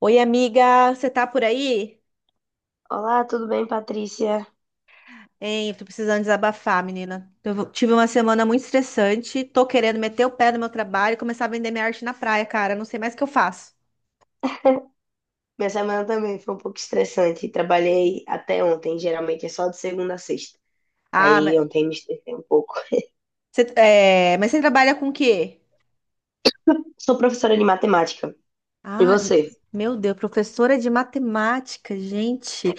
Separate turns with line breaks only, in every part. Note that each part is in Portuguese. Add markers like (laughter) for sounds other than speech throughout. Oi, amiga, você tá por aí?
Olá, tudo bem, Patrícia?
Hein, tô precisando desabafar, menina. Eu tive uma semana muito estressante, tô querendo meter o pé no meu trabalho e começar a vender minha arte na praia, cara. Não sei mais o que eu faço.
Minha semana também foi um pouco estressante. Trabalhei até ontem, geralmente é só de segunda a sexta.
Ah, mas
Aí ontem me estressei um pouco.
mas você trabalha com o quê?
Sou professora de matemática. E
Ah,
você?
meu Deus, professora de matemática, gente.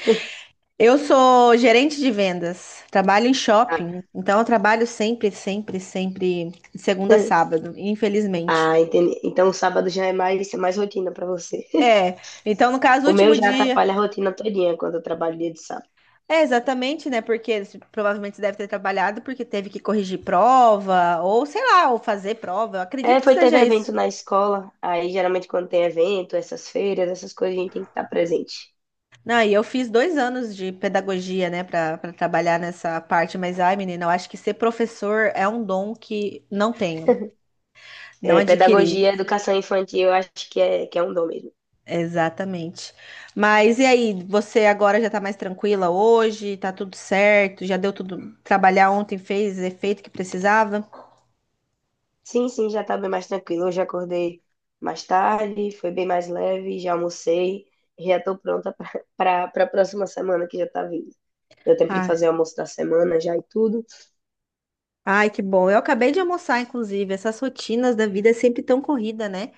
Eu sou gerente de vendas, trabalho em
Ah,
shopping, então eu trabalho sempre, sempre, sempre, de segunda a
(laughs)
sábado, infelizmente.
ah, entendi. Então sábado já é mais rotina pra você. (laughs)
É, então no caso, o
O meu
último
já
dia.
atrapalha a rotina todinha quando eu trabalho dia de sábado.
É, exatamente, né? Porque eles provavelmente você deve ter trabalhado porque teve que corrigir prova, ou sei lá, ou fazer prova. Eu
É,
acredito que
foi, teve
seja
evento
isso.
na escola. Aí geralmente quando tem evento, essas feiras, essas coisas, a gente tem que estar presente.
Não, e eu fiz 2 anos de pedagogia, né, para trabalhar nessa parte, mas ai, menina, eu acho que ser professor é um dom que não tenho,
(laughs)
não
É,
adquiri.
pedagogia, educação infantil, eu acho que é um dom mesmo.
Exatamente. Mas e aí, você agora já tá mais tranquila hoje? Tá tudo certo? Já deu tudo? Trabalhar ontem fez efeito que precisava?
Sim, sim, já tá bem mais tranquilo. Hoje acordei mais tarde, foi bem mais leve, já almocei, já tô pronta para a (laughs) próxima semana que já tá vindo. Deu tempo de fazer o almoço da semana já e tudo.
Ai, que bom. Eu acabei de almoçar, inclusive. Essas rotinas da vida é sempre tão corrida, né?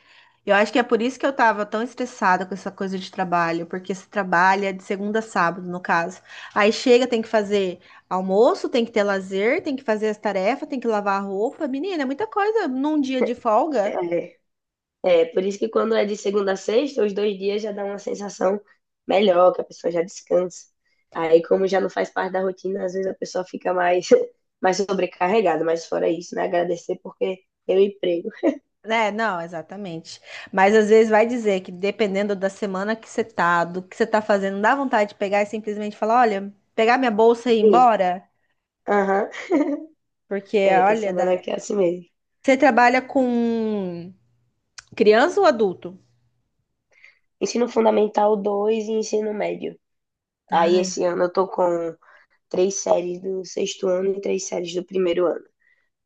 Eu acho que é por isso que eu tava tão estressada com essa coisa de trabalho, porque se trabalha de segunda a sábado, no caso. Aí chega, tem que fazer almoço, tem que ter lazer, tem que fazer as tarefas, tem que lavar a roupa. Menina, é muita coisa num dia de folga,
É, é, por isso que quando é de segunda a sexta, os dois dias já dá uma sensação melhor, que a pessoa já descansa. Aí, como já não faz parte da rotina, às vezes a pessoa fica mais, (laughs) mais sobrecarregada, mas fora isso, né? Agradecer porque tem o emprego.
né? Não, exatamente. Mas às vezes vai dizer que dependendo da semana que você tá, do que você tá fazendo, dá vontade de pegar e simplesmente falar, olha, pegar minha bolsa e ir
Sim,
embora.
aham,
Porque,
é, tem
olha,
semana
dá-
que é assim mesmo.
Você trabalha com criança ou adulto?
Ensino Fundamental 2 e Ensino Médio. Aí
Ai,
esse ano eu tô com três séries do sexto ano e três séries do primeiro ano.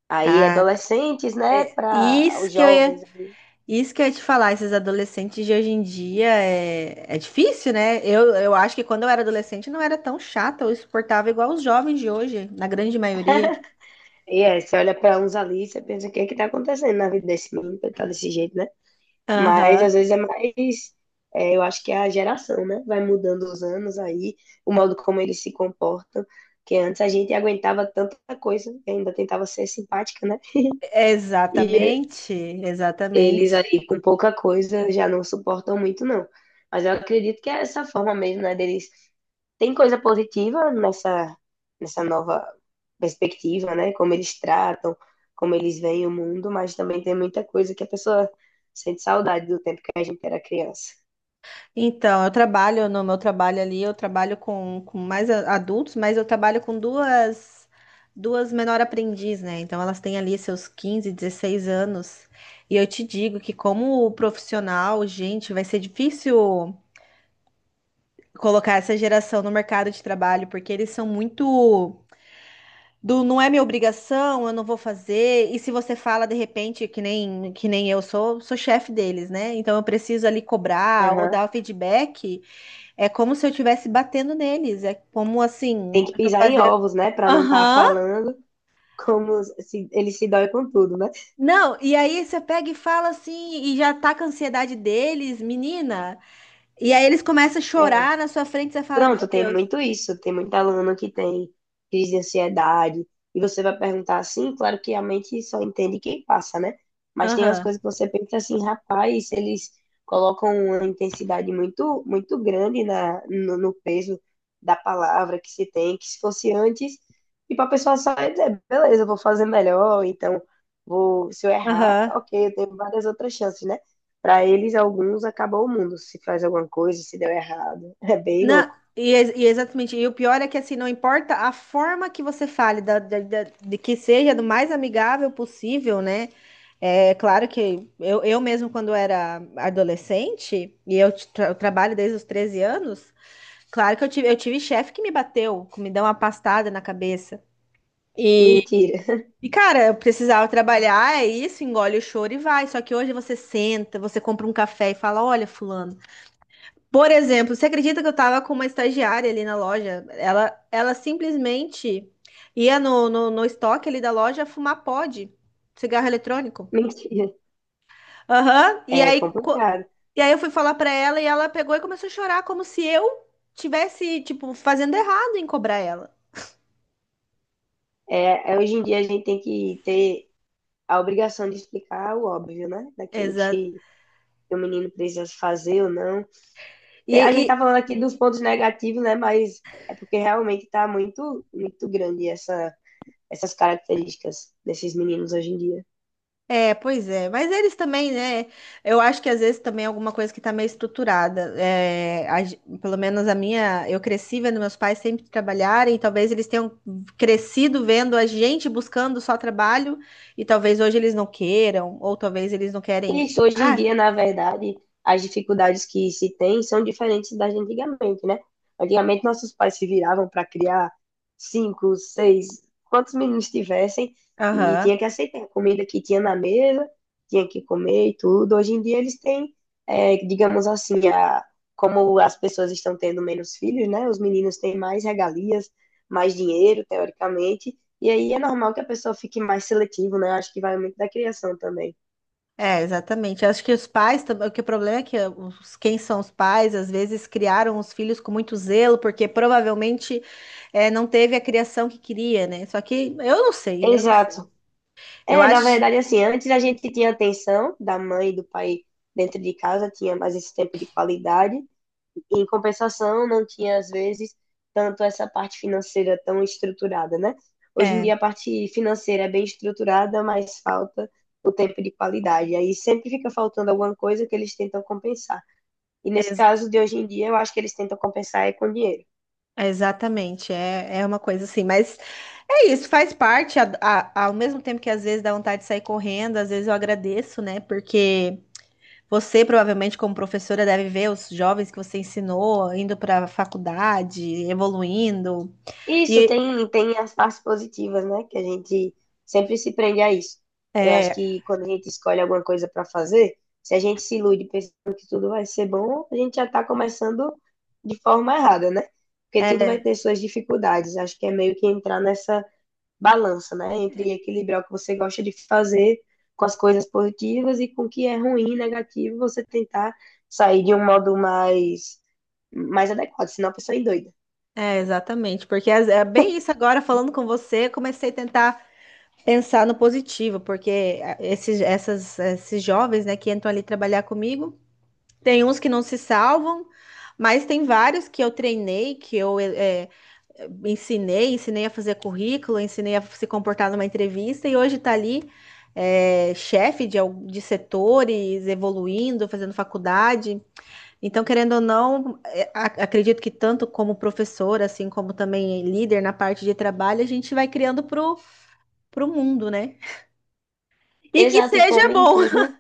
Aí
cara,
adolescentes, né,
é,
para
isso
os
que eu ia,
jovens ali.
isso que eu ia te falar, esses adolescentes de hoje em dia é difícil, né? Eu acho que quando eu era adolescente não era tão chata ou insuportável igual os jovens de hoje, na grande maioria.
E é, você olha para uns ali e você pensa o que é que tá acontecendo na vida desse menino pra ele tá desse jeito, né? Mas
Aham.
às vezes é, eu acho que é a geração, né? Vai mudando os anos aí, o modo como eles se comportam. Que antes a gente aguentava tanta coisa, ainda tentava ser simpática, né? E
Exatamente,
eles
exatamente.
aí com pouca coisa já não suportam muito, não. Mas eu acredito que é essa forma mesmo, né, deles. Tem coisa positiva nessa nova perspectiva, né? Como eles tratam, como eles veem o mundo, mas também tem muita coisa que a pessoa sente saudade do tempo que a gente era criança.
Então, eu trabalho no meu trabalho ali, eu trabalho com mais adultos, mas eu trabalho com duas menor aprendiz, né? Então elas têm ali seus 15, 16 anos. E eu te digo que como profissional, gente, vai ser difícil colocar essa geração no mercado de trabalho, porque eles são muito do não é minha obrigação, eu não vou fazer. E se você fala de repente que nem eu sou chefe deles, né? Então eu preciso ali cobrar ou
Aham.
dar o feedback. É como se eu estivesse batendo neles. É como assim,
Tem que
eu tô
pisar em
fazendo.
ovos, né? Pra não estar
Aham.
falando como se, ele se dói com tudo, né?
Não, e aí você pega e fala assim, e já tá com a ansiedade deles, menina. E aí eles começam a
É,
chorar na sua frente, você fala, meu
pronto, tem
Deus.
muito isso. Tem muita aluna que tem crise de ansiedade. E você vai perguntar assim, claro que a mente só entende quem passa, né? Mas tem umas
Aham,
coisas que você pensa assim, rapaz, eles colocam uma intensidade muito, muito grande na, no, no peso da palavra que se tem, que se fosse antes, tipo, a pessoa só ia dizer, beleza, eu vou fazer melhor, então vou, se eu errar,
aham.
ok, eu tenho várias outras chances, né? Para eles, alguns, acabou o mundo se faz alguma coisa, se deu errado. (laughs) É bem
Não,
louco.
e exatamente. E o pior é que assim, não importa a forma que você fale, de que seja do mais amigável possível, né? É claro que eu mesmo, quando era adolescente, e eu trabalho desde os 13 anos. Claro que eu tive chefe que me bateu, que me deu uma pastada na cabeça. E,
Mentira,
e, cara, eu precisava trabalhar, é isso, engole o choro e vai. Só que hoje você senta, você compra um café e fala: Olha, fulano. Por exemplo, você acredita que eu tava com uma estagiária ali na loja? Ela simplesmente ia no estoque ali da loja fumar pod, cigarro
(laughs)
eletrônico.
mentira.
Aham. E
É
aí, co-
complicado.
e aí eu fui falar pra ela e ela pegou e começou a chorar, como se eu tivesse, tipo, fazendo errado em cobrar ela.
É, hoje em dia a gente tem que ter a obrigação de explicar o óbvio, né? Daquilo
Exato.
que o menino precisa fazer ou não.
E,
É, a
e-
gente tá falando aqui dos pontos negativos, né? Mas é porque realmente tá muito, muito grande essas características desses meninos hoje em dia.
É, pois é, mas eles também, né? Eu acho que às vezes também é alguma coisa que tá meio estruturada. Pelo menos a minha, eu cresci vendo meus pais sempre trabalharem, talvez eles tenham crescido vendo a gente buscando só trabalho, e talvez hoje eles não queiram, ou talvez eles não querem.
Isso, hoje em
Ah,
dia, na verdade, as dificuldades que se tem são diferentes das de antigamente, né? Antigamente, nossos pais se viravam para criar cinco, seis, quantos meninos tivessem, e
aham.
tinha que aceitar a comida que tinha na mesa, tinha que comer e tudo. Hoje em dia, eles têm, é, digamos assim, a, como as pessoas estão tendo menos filhos, né? Os meninos têm mais regalias, mais dinheiro, teoricamente, e aí é normal que a pessoa fique mais seletiva, né? Acho que vai muito da criação também.
É, exatamente. Eu acho que os pais também, que o problema é que os, quem são os pais, às vezes criaram os filhos com muito zelo, porque provavelmente é, não teve a criação que queria, né? Só que eu não sei, eu não sei.
Exato.
Eu
É, na
acho.
verdade, assim, antes a gente tinha a tensão da mãe e do pai dentro de casa, tinha mais esse tempo de qualidade, em compensação, não tinha, às vezes, tanto essa parte financeira tão estruturada, né? Hoje em dia, a
É,
parte financeira é bem estruturada, mas falta o tempo de qualidade. Aí sempre fica faltando alguma coisa que eles tentam compensar. E nesse
ex-
caso de hoje em dia, eu acho que eles tentam compensar é com dinheiro.
Exatamente. É, é uma coisa assim, mas é isso, faz parte. Ao mesmo tempo que às vezes dá vontade de sair correndo, às vezes eu agradeço, né? Porque você, provavelmente, como professora, deve ver os jovens que você ensinou indo para a faculdade, evoluindo.
Isso
E
tem as partes positivas, né? Que a gente sempre se prende a isso. Eu acho
é,
que quando a gente escolhe alguma coisa para fazer, se a gente se ilude pensando que tudo vai ser bom, a gente já está começando de forma errada, né? Porque tudo
é,
vai ter suas dificuldades. Acho que é meio que entrar nessa balança, né? Entre equilibrar o que você gosta de fazer com as coisas positivas e com o que é ruim, negativo, você tentar sair de um modo mais adequado, senão a pessoa é doida.
exatamente, porque é bem isso agora falando com você, comecei a tentar pensar no positivo, porque esses jovens, né, que entram ali trabalhar comigo, tem uns que não se salvam, mas tem vários que eu treinei, que eu ensinei, a fazer currículo, ensinei a se comportar numa entrevista e hoje está ali é, chefe de setores, evoluindo, fazendo faculdade. Então, querendo ou não, acredito que tanto como professor, assim como também líder na parte de trabalho, a gente vai criando pro mundo, né? E que
Exato, e
seja
como em
bom. (laughs)
tudo.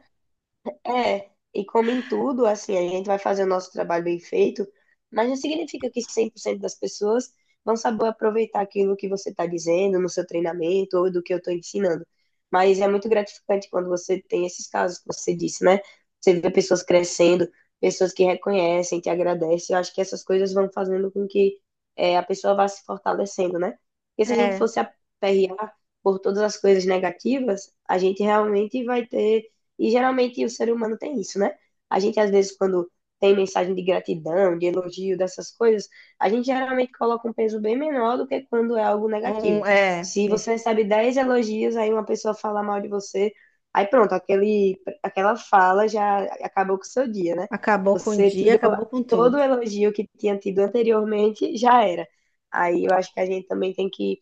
É, e como em tudo, assim, a gente vai fazer o nosso trabalho bem feito, mas não significa que 100% das pessoas vão saber aproveitar aquilo que você está dizendo no seu treinamento ou do que eu estou ensinando. Mas é muito gratificante quando você tem esses casos que você disse, né? Você vê pessoas crescendo, pessoas que reconhecem, que agradecem. Eu acho que essas coisas vão fazendo com que é, a pessoa vá se fortalecendo, né? Porque se a gente
É.
fosse aperrear por todas as coisas negativas, a gente realmente vai ter e geralmente o ser humano tem isso, né? A gente, às vezes, quando tem mensagem de gratidão, de elogio, dessas coisas, a gente geralmente coloca um peso bem menor do que quando é algo
um,
negativo.
é,
Se você
é.
recebe 10 elogios, aí uma pessoa fala mal de você, aí pronto, aquela fala já acabou com o seu dia, né?
Acabou com o
Você
dia,
tirou
acabou com tudo.
todo o elogio que tinha tido anteriormente, já era. Aí eu acho que a gente também tem que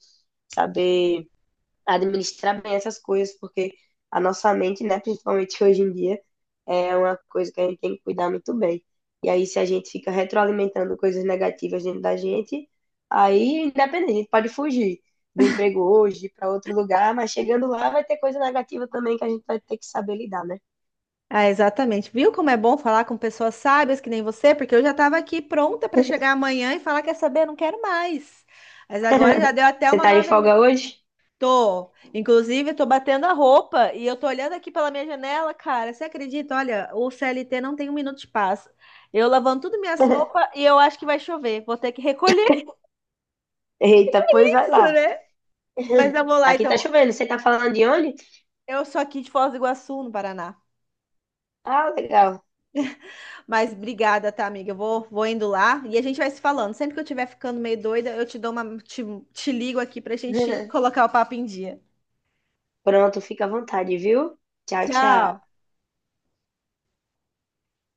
saber administrar bem essas coisas, porque a nossa mente, né, principalmente hoje em dia, é uma coisa que a gente tem que cuidar muito bem. E aí, se a gente fica retroalimentando coisas negativas dentro da gente, aí, independente, a gente pode fugir do emprego hoje para outro lugar, mas chegando lá vai ter coisa negativa também que a gente vai ter que saber lidar, né?
Ah, exatamente. Viu como é bom falar com pessoas sábias que nem você? Porque eu já estava aqui pronta para chegar amanhã e falar, quer saber, não quero mais. Mas agora já deu até
Você
uma
tá em
nova.
folga hoje?
Tô. Inclusive, tô batendo a roupa e eu tô olhando aqui pela minha janela, cara. Você acredita? Olha, o CLT não tem um minuto de paz. Eu lavando tudo minhas roupas
(laughs)
e eu acho que vai chover. Vou ter que recolher
Eita, pois
(laughs)
vai
isso,
lá.
né? Mas
(laughs)
eu vou lá,
Aqui tá
então.
chovendo, você tá falando de onde?
Eu sou aqui de Foz do Iguaçu, no Paraná.
Ah, legal.
Mas obrigada, tá, amiga? Eu vou indo lá e a gente vai se falando. Sempre que eu estiver ficando meio doida, eu te dou uma, te ligo aqui pra gente
(laughs)
colocar o papo em dia.
Pronto, fica à vontade, viu? Tchau,
Tchau.
tchau.